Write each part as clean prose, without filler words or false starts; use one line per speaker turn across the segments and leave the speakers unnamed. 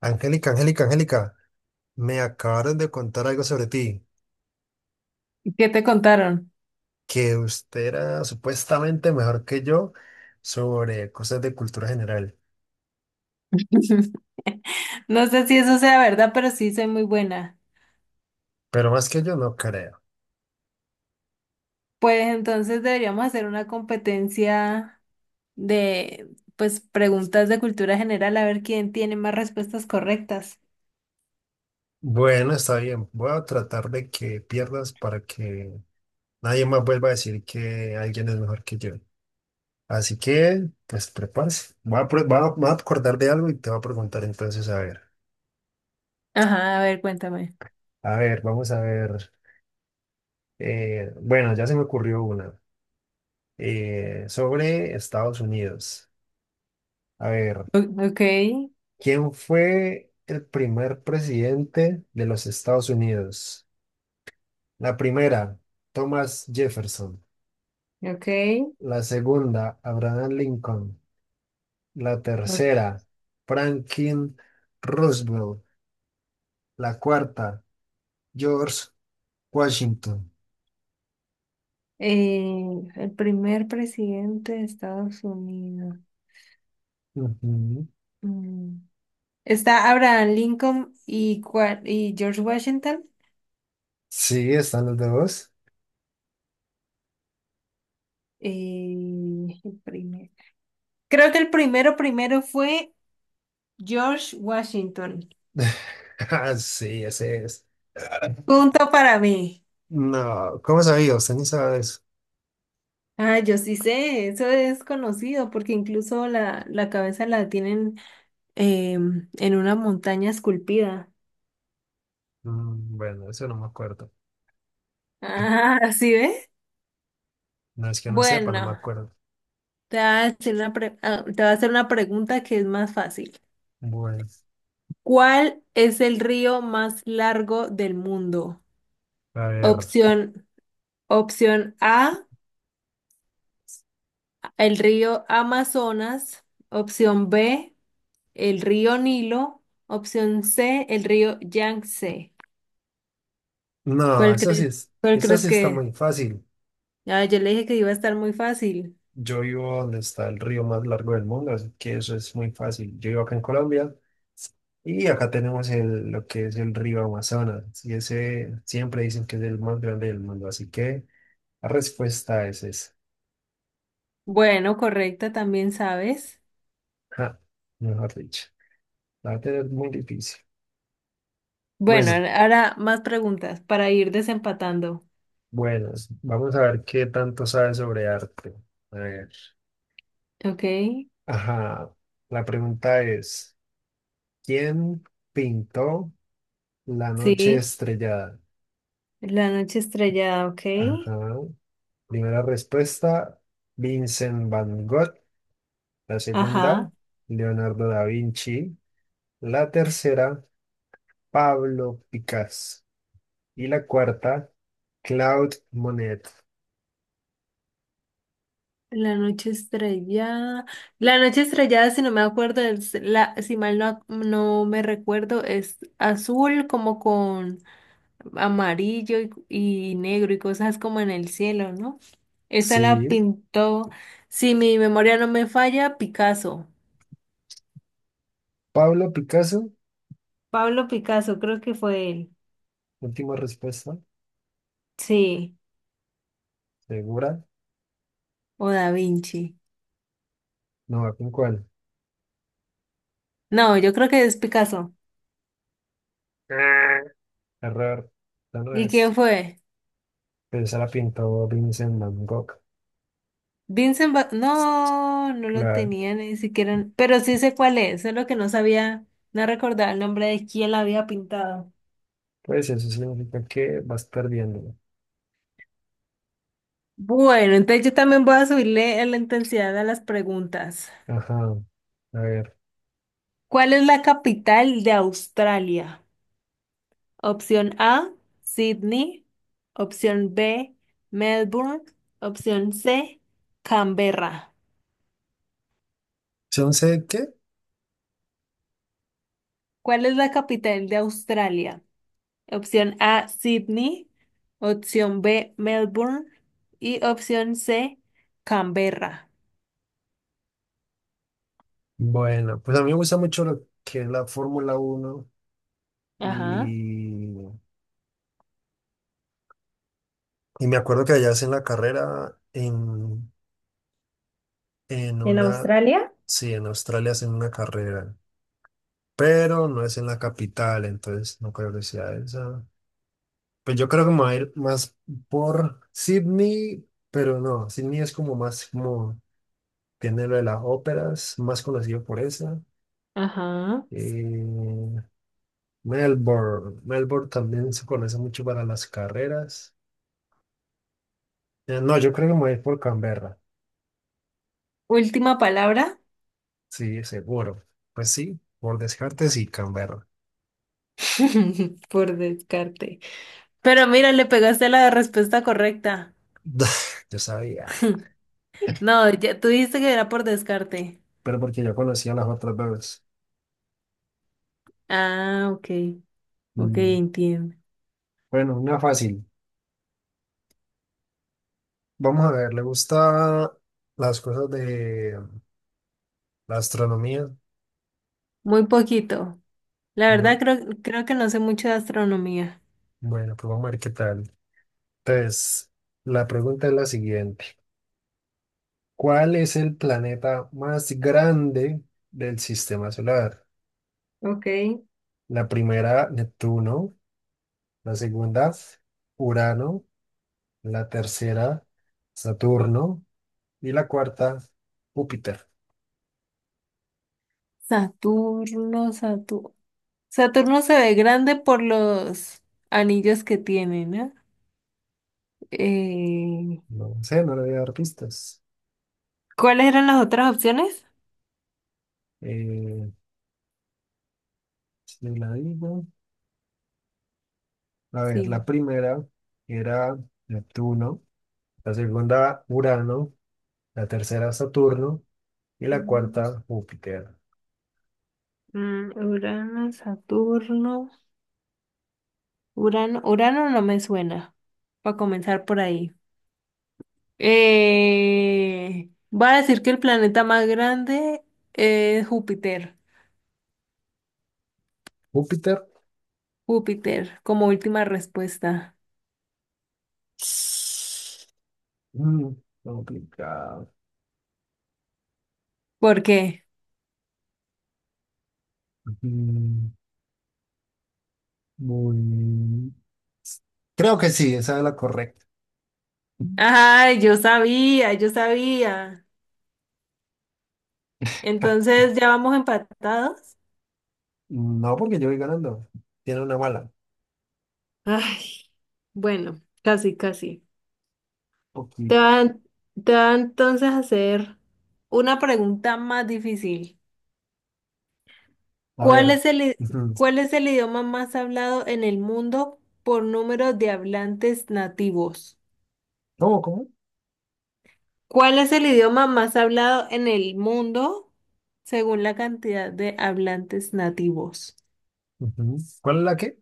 Angélica, Angélica, Angélica, me acabaron de contar algo sobre ti,
¿Qué te contaron?
que usted era supuestamente mejor que yo sobre cosas de cultura general,
No sé si eso sea verdad, pero sí soy muy buena.
pero más que yo no creo.
Pues entonces deberíamos hacer una competencia de, pues, preguntas de cultura general, a ver quién tiene más respuestas correctas.
Bueno, está bien, voy a tratar de que pierdas para que nadie más vuelva a decir que alguien es mejor que yo. Así que, pues prepárese. Voy a, pre- voy a- me voy a acordar de algo y te voy a preguntar entonces,
Ajá, a ver, cuéntame.
a ver, vamos a ver. Bueno, ya se me ocurrió una sobre Estados Unidos. A ver,
Ok,
¿quién fue el primer presidente de los Estados Unidos? La primera, Thomas Jefferson.
ok.
La segunda, Abraham Lincoln. La
o-
tercera, Franklin Roosevelt. La cuarta, George Washington.
el primer presidente de Estados Unidos.
Ujú.
Mm. Está Abraham Lincoln y, y George Washington.
Sí, están los dos.
El primero. Creo que el primero primero fue George Washington.
Ah, sí, ese es.
Punto para mí.
No, ¿cómo sabía? Usted ni sabe eso.
Ah, yo sí sé, eso es conocido porque incluso la cabeza la tienen en una montaña esculpida.
Mm, bueno, eso no me acuerdo.
Ah, ¿sí ve?
No es que no sepa, no me
Bueno,
acuerdo.
te voy a hacer una te voy a hacer una pregunta que es más fácil.
Bueno.
¿Cuál es el río más largo del mundo?
A ver,
Opción, opción A, el río Amazonas. Opción B, el río Nilo. Opción C, el río Yangtze.
no,
¿Cuál
esa sí
crees,
es,
¿cuál
esa
crees
sí está
que es?
muy fácil.
Ah, yo le dije que iba a estar muy fácil.
Yo vivo donde está el río más largo del mundo, así que eso es muy fácil. Yo vivo acá en Colombia y acá tenemos el, lo que es el río Amazonas, y ese siempre dicen que es el más grande del mundo, así que la respuesta es esa.
Bueno, correcta, también sabes.
Ja, mejor dicho, la verdad es muy difícil.
Bueno,
Bueno,
ahora más preguntas para ir desempatando.
bueno, vamos a ver qué tanto sabes sobre arte. A ver,
Ok,
ajá, la pregunta es, ¿quién pintó? La noche
sí.
estrellada.
La noche estrellada, ok.
Ajá. Primera respuesta, Vincent Van Gogh. La segunda,
Ajá.
Leonardo da Vinci. La tercera, Pablo Picasso. Y la cuarta, Claude Monet.
La noche estrellada. La noche estrellada, si no me acuerdo, si mal no, no me recuerdo, es azul como con amarillo y negro y cosas como en el cielo, ¿no? Esa la
Sí,
pintó, si mi memoria no me falla, Picasso.
Pablo Picasso.
Pablo Picasso, creo que fue él.
Última respuesta,
Sí,
segura.
o Da Vinci.
No va con cuál.
No, yo creo que es Picasso.
Ah. Error. Esta no
¿Y
es.
quién fue?
Pero esa la pintó Vincent Van Gogh.
No, no lo
Claro.
tenía ni siquiera. Pero sí sé cuál es, solo que no sabía, no recordaba el nombre de quién la había pintado.
Pues eso significa que vas perdiendo.
Bueno, entonces yo también voy a subirle la intensidad a las preguntas.
Ajá. A ver.
¿Cuál es la capital de Australia? Opción A, Sydney. Opción B, Melbourne. Opción C, Canberra.
¿Son set qué?
¿Cuál es la capital de Australia? Opción A, Sydney. Opción B, Melbourne. Y opción C, Canberra.
Bueno, pues a mí me gusta mucho lo que es la Fórmula uno
Ajá,
y, y me acuerdo que allá hacen la carrera en
¿en
una,
Australia?
sí, en Australia hacen una carrera, pero no es en la capital, entonces no creo que sea esa. Pues yo creo que me voy a ir más por Sydney, pero no, Sydney es como más como tiene lo de las óperas, más conocido por esa.
Ajá.
Eh, Melbourne. Melbourne también se conoce mucho para las carreras. No, yo creo que me voy a ir por Canberra.
Última palabra.
Sí, seguro. Pues sí, por descarte sí, Canberra.
Por descarte. Pero mira, le pegaste la respuesta correcta.
Yo sabía,
No, ya tú dijiste que era por descarte.
pero porque yo conocía las otras dos.
Ah, ok, ok,
Mm,
entiendo.
bueno, una fácil. Vamos a ver, ¿le gusta las cosas de la astronomía?
Muy poquito. La verdad
Bu-
creo, creo que no sé mucho de astronomía.
Bueno, pues vamos a ver qué tal. Entonces, la pregunta es la siguiente. ¿Cuál es el planeta más grande del sistema solar?
Ok,
La primera, Neptuno. La segunda, Urano. La tercera, Saturno. Y la cuarta, Júpiter.
Saturno, Saturno. Saturno se ve grande por los anillos que tiene, ¿no? Eh,
No sé, no le voy a dar pistas.
¿Cuáles eran las otras opciones?
Eh, si la digo. A ver, la
Sí.
primera era Neptuno. La segunda, Urano. La tercera, Saturno. Y la
Venus,
cuarta, Júpiter.
mm, Urano, Saturno. Urano, Urano no me suena, para comenzar por ahí. Voy a decir que el planeta más grande es Júpiter.
Júpiter.
Júpiter, como última respuesta.
Mm, complicado.
¿Por qué?
Mm, muy... Creo que sí, esa es la correcta. Mm,
Ay, yo sabía, yo sabía. Entonces, ¿ya vamos empatados?
no, porque yo voy ganando. Tiene una bala.
Ay, bueno, casi, casi. Te
Poquita.
van, te va entonces a hacer una pregunta más difícil.
A
¿Cuál
ver.
es el, i-
Ujú.
¿cuál es el idioma más hablado en el mundo por número de hablantes nativos?
¿Cómo, cómo?
¿Cuál es el idioma más hablado en el mundo según la cantidad de hablantes nativos?
Ujú. ¿Cuál es la qué?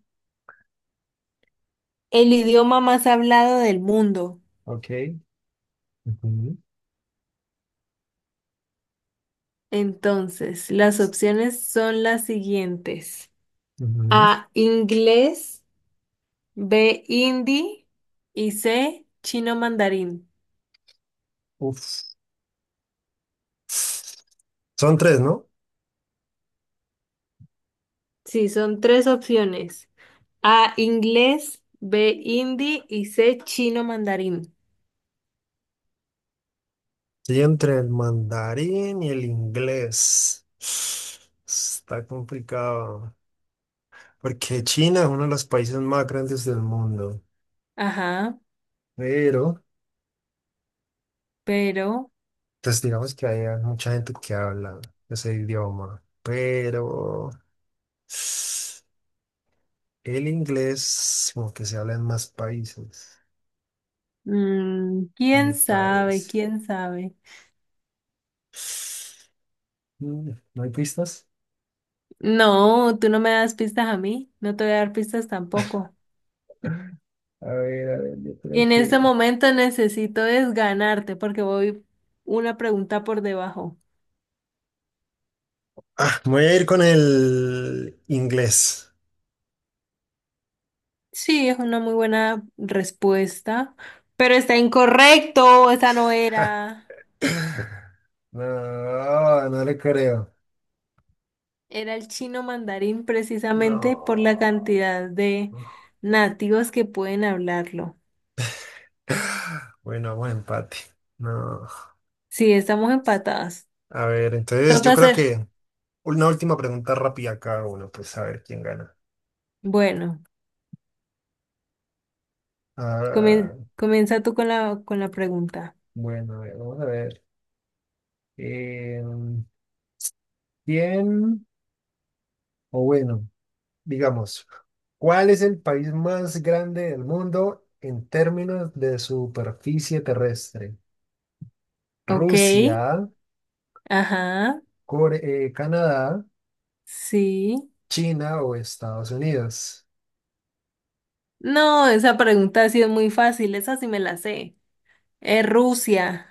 El idioma más hablado del mundo.
Ok. Ujú,
Entonces, las opciones son las siguientes.
ujú.
A, inglés, B, hindi y C, chino mandarín.
Uf. Son tres, ¿no?
Sí, son tres opciones. A, inglés, B, hindi y C, chino mandarín.
Sí, entre el mandarín y el inglés. Está complicado. Porque China es uno de los países más grandes del mundo.
Ajá,
Pero,
pero...
pues digamos que hay mucha gente que habla ese idioma. Pero... El inglés, como que se habla en más países,
Mm,
me
¿quién sabe?
parece.
¿Quién sabe?
Mm, ¿no hay pistas?
No, tú no me das pistas a mí, no te voy a dar pistas tampoco.
A ver, yo
Y
creo
en este
que...
momento necesito desganarte porque voy una pregunta por debajo.
Ah, me voy a ir con el inglés.
Sí, es una muy buena respuesta, pero está incorrecto, esa no
Ja.
era.
No, no le creo.
Era el chino mandarín precisamente por la
No.
cantidad de nativos que pueden hablarlo.
Bueno, buen empate. No.
Sí, estamos empatadas.
A ver, entonces yo
Toca
creo
hacer.
que una última pregunta rápida a cada uno, pues a ver quién gana.
Bueno.
Ah,
Comienza tú con con la pregunta.
bueno, a ver, vamos a ver. Em, Bien, o bueno, digamos, ¿cuál es el país más grande del mundo en términos de superficie terrestre?
Ok,
¿Rusia,
ajá,
Canadá,
sí.
China o Estados Unidos?
No, esa pregunta ha sido muy fácil, esa sí me la sé. Es Rusia.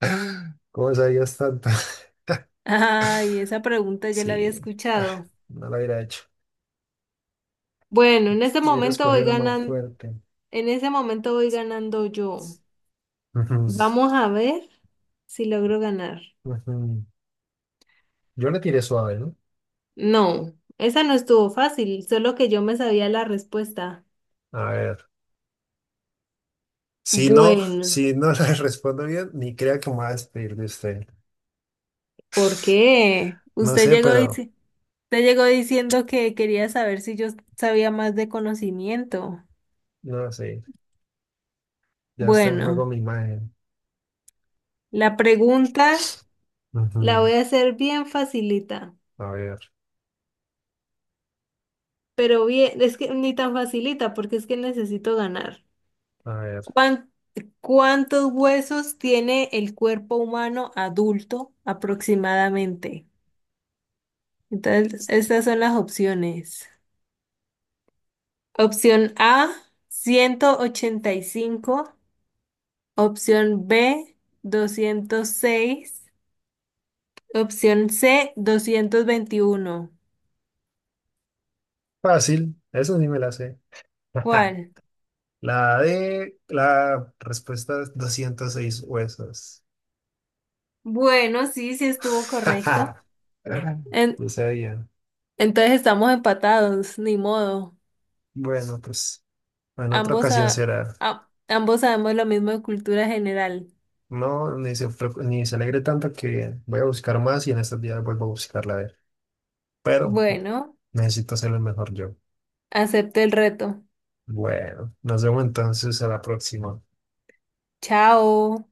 ¿Cómo sabías tanto?
Ay, esa pregunta ya la había
Sí, ah,
escuchado.
no lo hubiera hecho.
Bueno, en ese
Hubiera
momento voy
escogido una más
ganando,
fuerte.
en ese momento voy ganando yo.
Ujú,
Vamos a ver si logro ganar.
ujú. Yo le tiré suave, ¿no?
No, esa no estuvo fácil, solo que yo me sabía la respuesta.
A ver. Si no,
Bueno,
si no le respondo bien, ni crea que me va a despedir de usted.
¿por qué?
No
Usted
sé,
llegó y
pero
dice. Te llegó diciendo que quería saber si yo sabía más de conocimiento.
no sé. Ya está en juego
Bueno,
mi imagen.
la pregunta la
Ujú.
voy a hacer bien facilita,
A ver,
pero bien, es que ni tan facilita porque es que necesito ganar.
a ver.
¿Cuán- ¿Cuántos huesos tiene el cuerpo humano adulto aproximadamente? Entonces, estas son las opciones. Opción A, 185. Opción B, 206. Opción C, 221.
Fácil, eso sí me la sé.
¿Cuál?
La de la respuesta es 206 huesos.
Bueno, sí, sí estuvo correcto. En-
No sabía.
entonces estamos empatados, ni modo.
Bueno, pues en otra
Ambos,
ocasión
sa-
será.
ambos sabemos lo mismo de cultura general.
No, ni se alegre tanto que voy a buscar más y en estos días vuelvo a buscarla a ver. Pero
Bueno,
necesito hacerlo mejor yo.
acepto el reto.
Bueno, nos vemos entonces a la próxima.
Chao.